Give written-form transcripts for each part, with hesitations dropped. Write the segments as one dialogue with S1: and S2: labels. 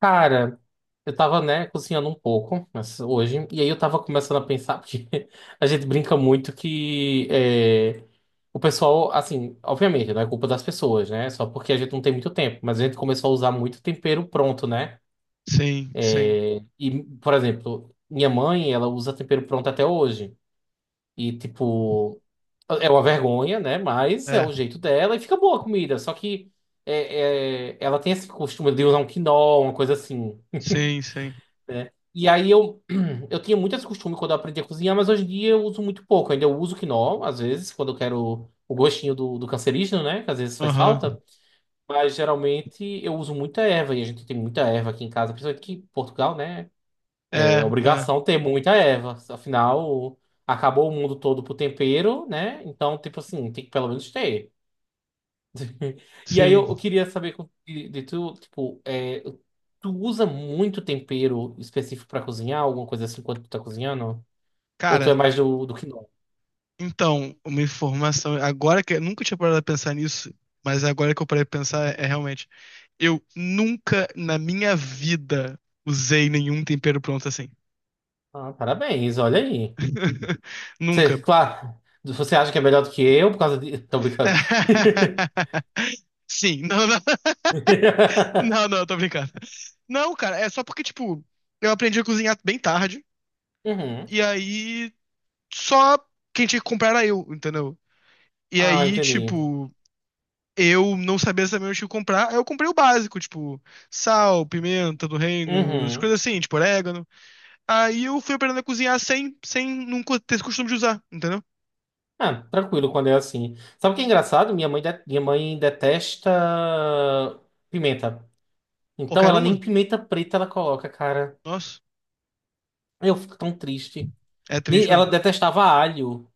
S1: Cara, eu tava, né, cozinhando um pouco mas hoje, e aí eu tava começando a pensar, porque a gente brinca muito que é, o pessoal, assim, obviamente, não é culpa das pessoas, né? Só porque a gente não tem muito tempo, mas a gente começou a usar muito tempero pronto, né?
S2: Sim, sim.
S1: É, e, por exemplo, minha mãe, ela usa tempero pronto até hoje. E, tipo, é uma vergonha, né? Mas é
S2: É,
S1: o jeito dela e fica boa a comida. Só que ela tem esse costume de usar um quinol, uma coisa assim,
S2: sim, sim.
S1: né? E aí eu, eu tinha muito esse costume quando eu aprendi a cozinhar, mas hoje em dia eu uso muito pouco. Ainda eu uso quinol, às vezes, quando eu quero o gostinho do cancerígeno, né? Que às vezes faz
S2: Aham.
S1: falta. Mas geralmente eu uso muita erva, e a gente tem muita erva aqui em casa, principalmente que em Portugal, né? É
S2: É, é,
S1: obrigação ter muita erva. Afinal, acabou o mundo todo pro tempero, né? Então, tipo assim, tem que pelo menos ter. E aí
S2: sim.
S1: eu queria saber com- de tu, tipo, é, tu usa muito tempero específico pra cozinhar, alguma coisa assim, quando tu tá cozinhando? Ou tu é
S2: Cara,
S1: mais do que não?
S2: então, uma informação. Agora que. Nunca tinha parado pra pensar nisso, mas agora que eu parei pra pensar, é realmente. Eu nunca na minha vida usei nenhum tempero pronto assim.
S1: Ah, parabéns, olha aí.
S2: Nunca.
S1: Você, claro, você acha que é melhor do que eu por causa de... Tô brincando.
S2: Sim, não, não, não, não, tô brincando. Não, cara, é só porque, tipo, eu aprendi a cozinhar bem tarde,
S1: Uhum.
S2: e aí só quem tinha que comprar era eu, entendeu? E
S1: Ah,
S2: aí,
S1: entendi.
S2: tipo, eu não sabia exatamente o que comprar. Aí eu comprei o básico, tipo, sal, pimenta do reino, as
S1: Uhum.
S2: coisas assim, tipo, orégano. Aí eu fui aprendendo a cozinhar sem nunca ter esse costume de usar, entendeu?
S1: Ah, tranquilo quando é assim. Sabe o que é engraçado? Minha mãe, de- minha mãe detesta pimenta. Então
S2: Qualquer
S1: ela
S2: uma.
S1: nem pimenta preta ela coloca, cara.
S2: Nossa,
S1: Eu fico tão triste.
S2: é
S1: Nem,
S2: triste
S1: ela
S2: mesmo.
S1: detestava alho.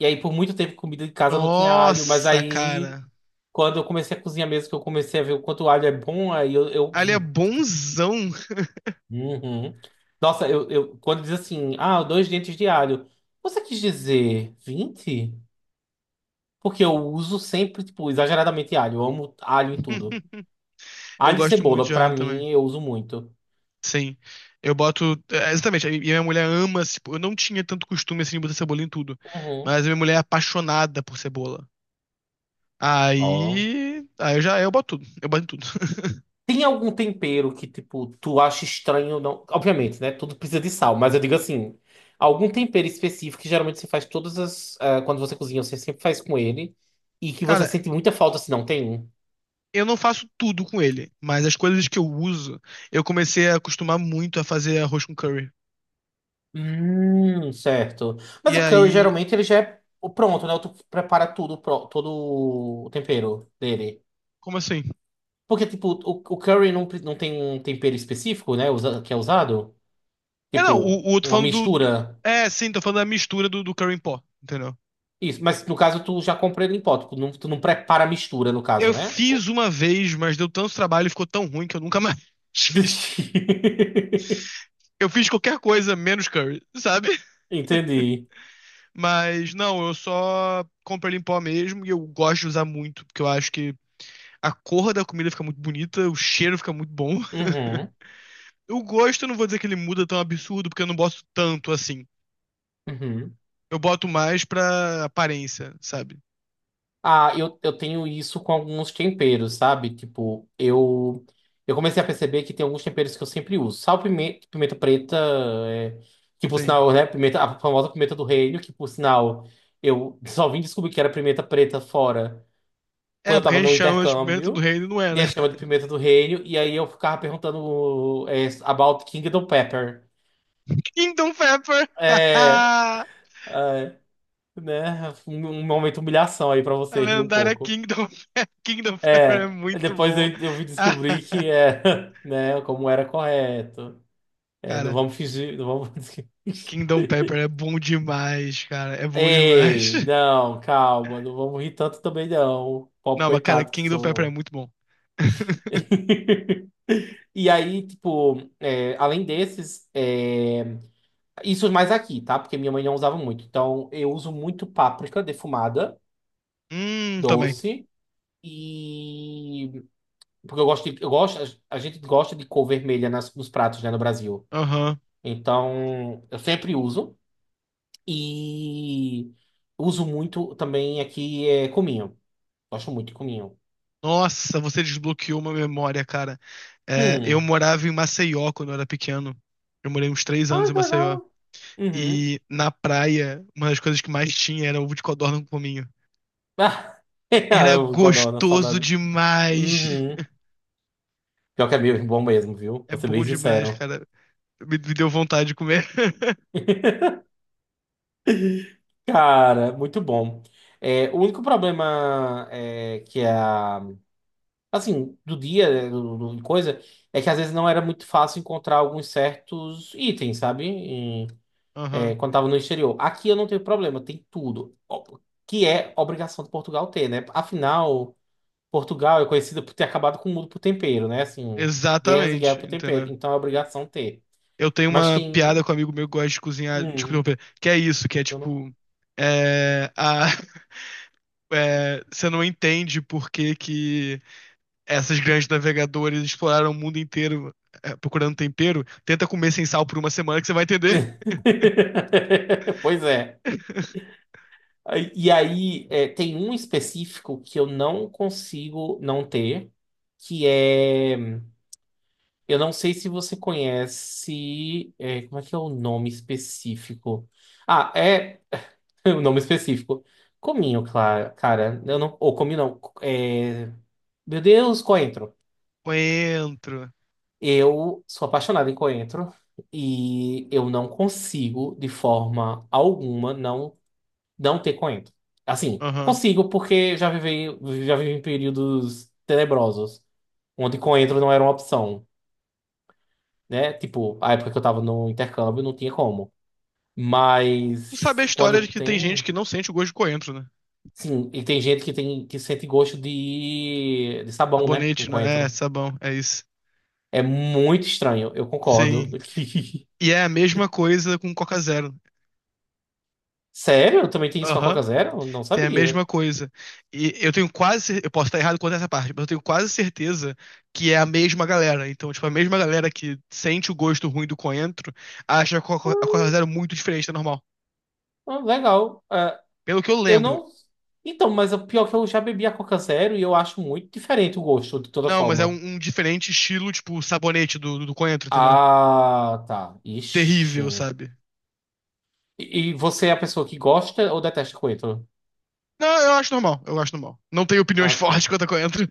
S1: E aí, por muito tempo, comida de casa não tinha alho. Mas
S2: Nossa,
S1: aí,
S2: cara.
S1: quando eu comecei a cozinhar mesmo, que eu comecei a ver o quanto o alho é bom, aí eu. Eu-
S2: Ali é bonzão.
S1: Uhum. Nossa, eu- quando diz assim, ah, dois dentes de alho. Você quis dizer vinte. Porque eu uso sempre, tipo, exageradamente alho. Eu amo alho em tudo.
S2: Eu
S1: Alho e
S2: gosto muito
S1: cebola,
S2: de
S1: pra
S2: alho também.
S1: mim, eu uso muito.
S2: Sim. Eu boto. Exatamente. E minha mulher ama. Tipo, eu não tinha tanto costume assim de botar cebola em tudo.
S1: Uhum.
S2: Mas a minha mulher é apaixonada por cebola.
S1: Ó.
S2: Aí eu já eu boto tudo, eu boto em tudo.
S1: Tem algum tempero que, tipo, tu acha estranho? Não... Obviamente, né? Tudo precisa de sal, mas eu digo assim: algum tempero específico que geralmente você faz todas as. Ah, quando você cozinha, você sempre faz com ele. E que você
S2: Cara,
S1: sente muita falta se não tem. Um?
S2: eu não faço tudo com ele, mas as coisas que eu uso, eu comecei a acostumar muito a fazer arroz com curry.
S1: Certo. Mas
S2: E
S1: o curry,
S2: aí,
S1: geralmente, ele já é o pronto, né? Tu prepara tudo, pro- todo o tempero dele.
S2: como assim?
S1: Porque, tipo, o curry não, pre- não tem um tempero específico, né? Usa- que é usado.
S2: É, não,
S1: Tipo,
S2: o tô
S1: uma
S2: falando do
S1: mistura.
S2: É, sim, tô falando da mistura do curry em pó, entendeu?
S1: Isso, mas no caso tu já compra ele em pó, tu não prepara a mistura, no caso,
S2: Eu
S1: né? O-
S2: fiz uma vez, mas deu tanto trabalho e ficou tão ruim que eu nunca mais fiz. Eu fiz qualquer coisa menos curry, sabe?
S1: Entendi.
S2: Mas não, eu só compro ele em pó mesmo e eu gosto de usar muito, porque eu acho que a cor da comida fica muito bonita, o cheiro fica muito bom.
S1: Uhum,
S2: O gosto, eu não vou dizer que ele muda tão absurdo, porque eu não boto tanto assim.
S1: uhum.
S2: Eu boto mais pra aparência, sabe?
S1: Ah, eu tenho isso com alguns temperos, sabe? Tipo, eu comecei a perceber que tem alguns temperos que eu sempre uso. Sal, pimenta, pimenta preta, é, que por
S2: Sim.
S1: sinal, né? Pimenta, a famosa pimenta do reino, que por sinal, eu só vim descobrir que era pimenta preta fora. Quando
S2: É,
S1: eu
S2: porque
S1: tava
S2: a gente
S1: no
S2: chama de pimenta do
S1: intercâmbio,
S2: reino, não é,
S1: e
S2: né?
S1: a gente chama de pimenta do reino, e aí eu ficava perguntando é, about Kingdom Pepper.
S2: Kingdom Pepper!
S1: É,
S2: A
S1: é, né? Um momento de humilhação aí pra você rir um
S2: lendária
S1: pouco.
S2: Kingdom Pepper. Kingdom Pepper é
S1: É,
S2: muito
S1: depois
S2: bom.
S1: eu vim descobrir que é, né, como era correto. É, não
S2: Cara,
S1: vamos fingir, não vamos.
S2: Kingdom Pepper é bom demais, cara. É bom demais.
S1: Ei, não, calma, não vamos rir tanto também não. Pobre
S2: Não, mas cara,
S1: coitado que
S2: Kingdom Pepper é
S1: sou.
S2: muito bom.
S1: E aí, tipo, é, além desses, é, isso mais aqui, tá? Porque minha mãe não usava muito. Então, eu uso muito páprica defumada,
S2: Também.
S1: doce. E porque eu gosto de, eu gosto, a gente gosta de cor vermelha nas, nos pratos, né, no Brasil.
S2: Aham.
S1: Então, eu sempre uso e uso muito também aqui é cominho. Gosto muito de cominho.
S2: Nossa, você desbloqueou uma memória, cara. É, eu
S1: Hum.
S2: morava em Maceió quando eu era pequeno. Eu morei uns três
S1: Ah,
S2: anos em
S1: que
S2: Maceió.
S1: legal. Uhum.
S2: E na praia, uma das coisas que mais tinha era ovo de codorna com cominho.
S1: Ah,
S2: Era
S1: eu adoro,
S2: gostoso
S1: saudade.
S2: demais.
S1: Uhum. Pior que é meio bom mesmo, viu?
S2: É
S1: Vou ser bem
S2: bom demais,
S1: sincero.
S2: cara. Me deu vontade de comer.
S1: Cara, muito bom. É, o único problema é, que é a, assim, do dia, né, do, do- de coisa, é que às vezes não era muito fácil encontrar alguns certos itens, sabe? Em- é,
S2: Aham.
S1: quando tava no exterior. Aqui eu não tenho problema, tem tudo. Ó, que é obrigação de Portugal ter, né? Afinal, Portugal é conhecida por ter acabado com o mundo por tempero, né? Assim, guerras e guerras
S2: Exatamente,
S1: por tempero.
S2: entendeu?
S1: Então é obrigação ter.
S2: Eu tenho
S1: Mas
S2: uma piada
S1: tem.
S2: com um amigo meu que gosta de cozinhar.
S1: Hum,
S2: Desculpa, que é isso, que é
S1: eu não.
S2: tipo. É, a, é, você não entende por que que essas grandes navegadoras exploraram o mundo inteiro procurando tempero. Tenta comer sem sal por uma semana que você vai entender.
S1: Pois é. Aí- e aí, é, tem um específico que eu não consigo não ter, que é. Eu não sei se você conhece. É, como é que é o nome específico? Ah, é. O nome específico. Cominho, cla- cara. Eu não, ou cominho não. É, meu Deus, coentro.
S2: Coentro.
S1: Eu sou apaixonado em coentro e eu não consigo, de forma alguma, não não ter coentro. Assim,
S2: Aham.
S1: consigo porque já vivi em períodos tenebrosos, onde coentro não era uma opção, né? Tipo, a época que eu tava no intercâmbio não tinha como.
S2: Tu sabe a
S1: Mas
S2: história de
S1: quando
S2: que tem gente
S1: tem,
S2: que não sente o gosto de coentro, né?
S1: sim, e tem gente que tem que sente gosto de sabão, né? Com
S2: Sabonete, né? É,
S1: coentro.
S2: sabão, é isso.
S1: É muito estranho, eu concordo.
S2: Sim. E é a mesma coisa com Coca Zero.
S1: Sério? Também tem isso com a
S2: Aham.
S1: Coca Zero? Não
S2: Tem a
S1: sabia.
S2: mesma coisa. E eu tenho quase. Eu posso estar errado quanto a essa parte, mas eu tenho quase certeza que é a mesma galera. Então, tipo, a mesma galera que sente o gosto ruim do coentro acha a a Coca Zero muito diferente da normal.
S1: Ah, legal. Ah,
S2: Pelo que eu
S1: eu
S2: lembro,
S1: não. Então, mas o pior é que eu já bebi a Coca Zero e eu acho muito diferente o gosto, de toda
S2: não, mas é
S1: forma.
S2: um diferente estilo, tipo, sabonete do coentro, entendeu?
S1: Ah, tá.
S2: Terrível,
S1: Ixi.
S2: sabe?
S1: E você é a pessoa que gosta ou detesta coentro?
S2: Não, eu acho normal, eu acho normal. Não tenho opiniões
S1: Ah,
S2: fortes
S1: tá.
S2: quanto a coentro.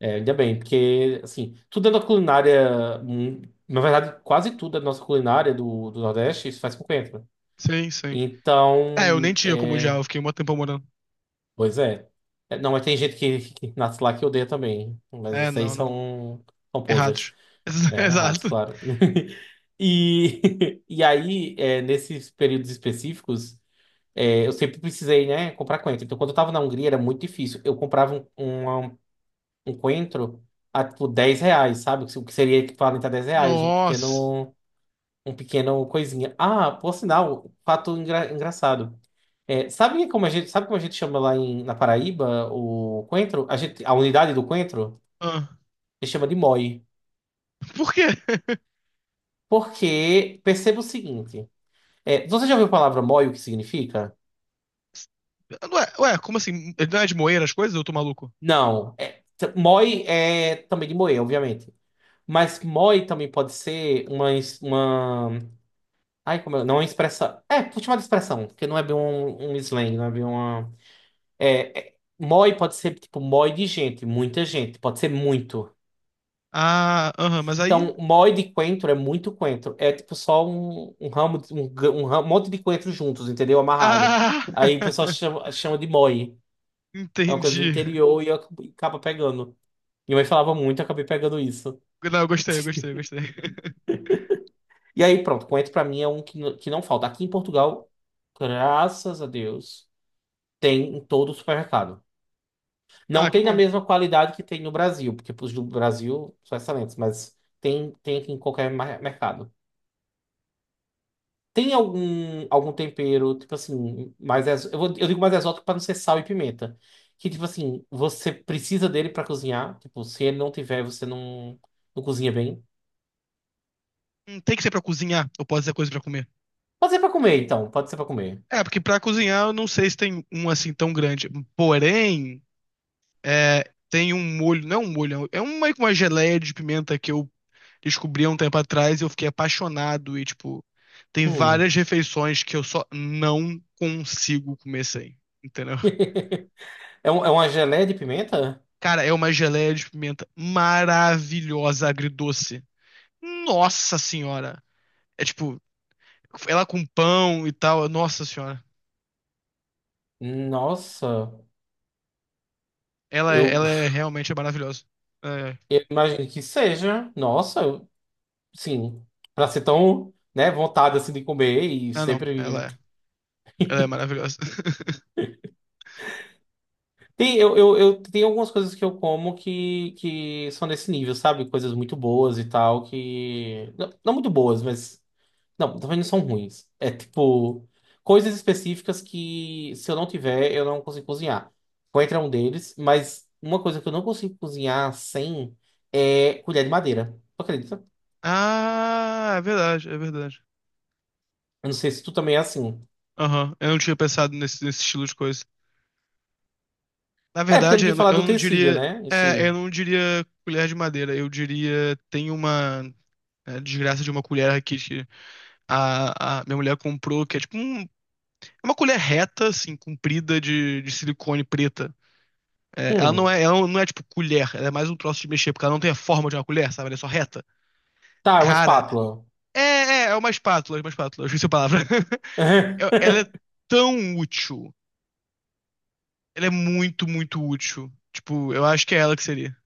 S1: É, ainda bem, porque, assim, tudo é da culinária. Hum, na verdade, quase tudo da nossa culinária do, do Nordeste se faz com coentro.
S2: Sim, sim. É, eu nem
S1: Então,
S2: tinha como
S1: é.
S2: odiar, eu fiquei um tempo morando.
S1: Pois é. É, não, mas tem gente que nasce lá que odeia também. Mas
S2: É,
S1: esses aí
S2: não, não.
S1: são, são posers.
S2: Errados.
S1: É, ratos,
S2: Exato.
S1: claro. E, e aí, é, nesses períodos específicos, é, eu sempre precisei, né, comprar coentro. Então, quando eu tava na Hungria, era muito difícil. Eu comprava um, um, um coentro a, tipo, R$ 10, sabe? O que seria equivalente a R$ 10,
S2: Nossa.
S1: um pequeno coisinha. Ah, por sinal, fato engra- engraçado. É, sabe como a gente, sabe como a gente chama lá em, na Paraíba o coentro? A gente, a unidade do coentro,
S2: Ah,
S1: a gente chama de moi.
S2: por quê?
S1: Porque perceba o seguinte. É, você já ouviu a palavra moi, o que significa?
S2: Ué, ué, como assim? Não é de moer as coisas? Eu tô maluco.
S1: Não. É, t- moi é também de moer, obviamente. Mas moi também pode ser uma, es- uma... Ai, como é? Não é uma expressão. É, vou chamar de expressão, porque não é bem um slang, não é bem uma... moi pode ser, tipo, moi de gente, muita gente. Pode ser muito.
S2: Ah, aham, mas aí.
S1: Então, moi de coentro é muito coentro. É, tipo, só um, um ramo, de- um, g- um ra- um monte de coentro juntos, entendeu? Amarrado.
S2: Ah!
S1: Aí o pessoal chama, chama de moi. É uma coisa do
S2: Entendi.
S1: interior e acaba pegando. Minha mãe falava muito, eu acabei pegando isso.
S2: Não, eu gostei, eu gostei, eu gostei.
S1: E aí, pronto, coentro pra mim é um que, n- que não falta. Aqui em Portugal, graças a Deus, tem em todo o supermercado.
S2: Ah,
S1: Não
S2: que
S1: tem na
S2: bom.
S1: mesma qualidade que tem no Brasil, porque os do Brasil são excelentes, mas tem, tem aqui em qualquer mar- mercado. Tem algum, algum tempero, tipo assim, mais ex... eu, vou- eu digo mais exótico para não ser sal e pimenta. Que, tipo assim, você precisa dele para cozinhar. Tipo, se ele não tiver, você não, não cozinha bem.
S2: Não tem que ser pra cozinhar, eu posso dizer coisa pra comer.
S1: Pode ser para comer, então. Pode ser para comer.
S2: É, porque pra cozinhar eu não sei se tem um assim tão grande. Porém, é, tem um molho, não é um molho, é um- meio que uma geleia de pimenta que eu descobri há um tempo atrás e eu fiquei apaixonado. E, tipo, tem várias
S1: Hum.
S2: refeições que eu só não consigo comer sem, entendeu?
S1: É, um- é uma geleia de pimenta?
S2: Cara, é uma geleia de pimenta maravilhosa, agridoce. Nossa senhora! É tipo, ela com pão e tal, nossa senhora.
S1: Nossa,
S2: Ela é,
S1: eu,
S2: ela é realmente maravilhosa. É,
S1: eu imagino que seja. Nossa, eu- sim. Pra ser tão, né, vontade assim de comer e
S2: ah, não,
S1: sempre.
S2: ela é maravilhosa.
S1: Tem, eu tenho algumas coisas que eu como que são desse nível, sabe? Coisas muito boas e tal, que. Não, não muito boas, mas. Não, também não são ruins. É tipo, coisas específicas que se eu não tiver, eu não consigo cozinhar. Coentro é um deles, mas uma coisa que eu não consigo cozinhar sem é colher de madeira. Tu acredita?
S2: Ah, é verdade, é verdade.
S1: Eu não sei se tu também é assim.
S2: Aham, eu não tinha pensado nesse estilo de coisa. Na
S1: É, porque eu não
S2: verdade,
S1: tinha falado
S2: eu
S1: do
S2: não
S1: utensílio,
S2: diria,
S1: né?
S2: é, eu
S1: Esse.
S2: não diria colher de madeira, eu diria tem uma é, desgraça de uma colher aqui. A minha mulher comprou, que é tipo um- é uma colher reta, assim, comprida de silicone preta. É,
S1: Hum.
S2: ela não é tipo colher, ela é mais um troço de mexer, porque ela não tem a forma de uma colher, sabe? Ela é só reta.
S1: Tá, é uma
S2: Cara,
S1: espátula.
S2: é uma espátula, é uma espátula, eu esqueci a palavra. Ela é tão útil. Ela é muito, muito útil. Tipo, eu acho que é ela que seria.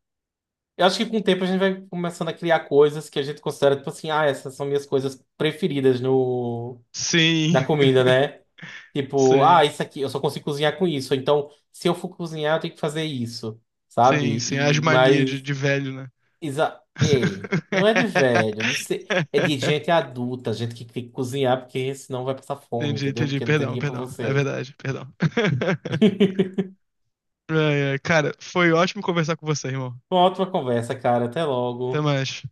S1: Eu acho que com o tempo a gente vai começando a criar coisas que a gente considera, tipo assim, ah, essas são minhas coisas preferidas no...
S2: Sim,
S1: na comida, né? Tipo, ah,
S2: sim,
S1: isso aqui, eu só consigo cozinhar com isso. Então, se eu for cozinhar, eu tenho que fazer isso, sabe?
S2: sim, sim. As
S1: E,
S2: manias
S1: mas,
S2: de velho, né?
S1: exa ei, não é de velho, de ser- é de gente adulta, gente que tem que cozinhar, porque senão vai passar fome,
S2: Entendi,
S1: entendeu?
S2: entendi.
S1: Porque não tem
S2: Perdão,
S1: ninguém pra
S2: perdão. É
S1: você.
S2: verdade, perdão. Ai, ai. Cara, foi ótimo conversar com você, irmão.
S1: Uma ótima conversa, cara. Até
S2: Até
S1: logo.
S2: mais.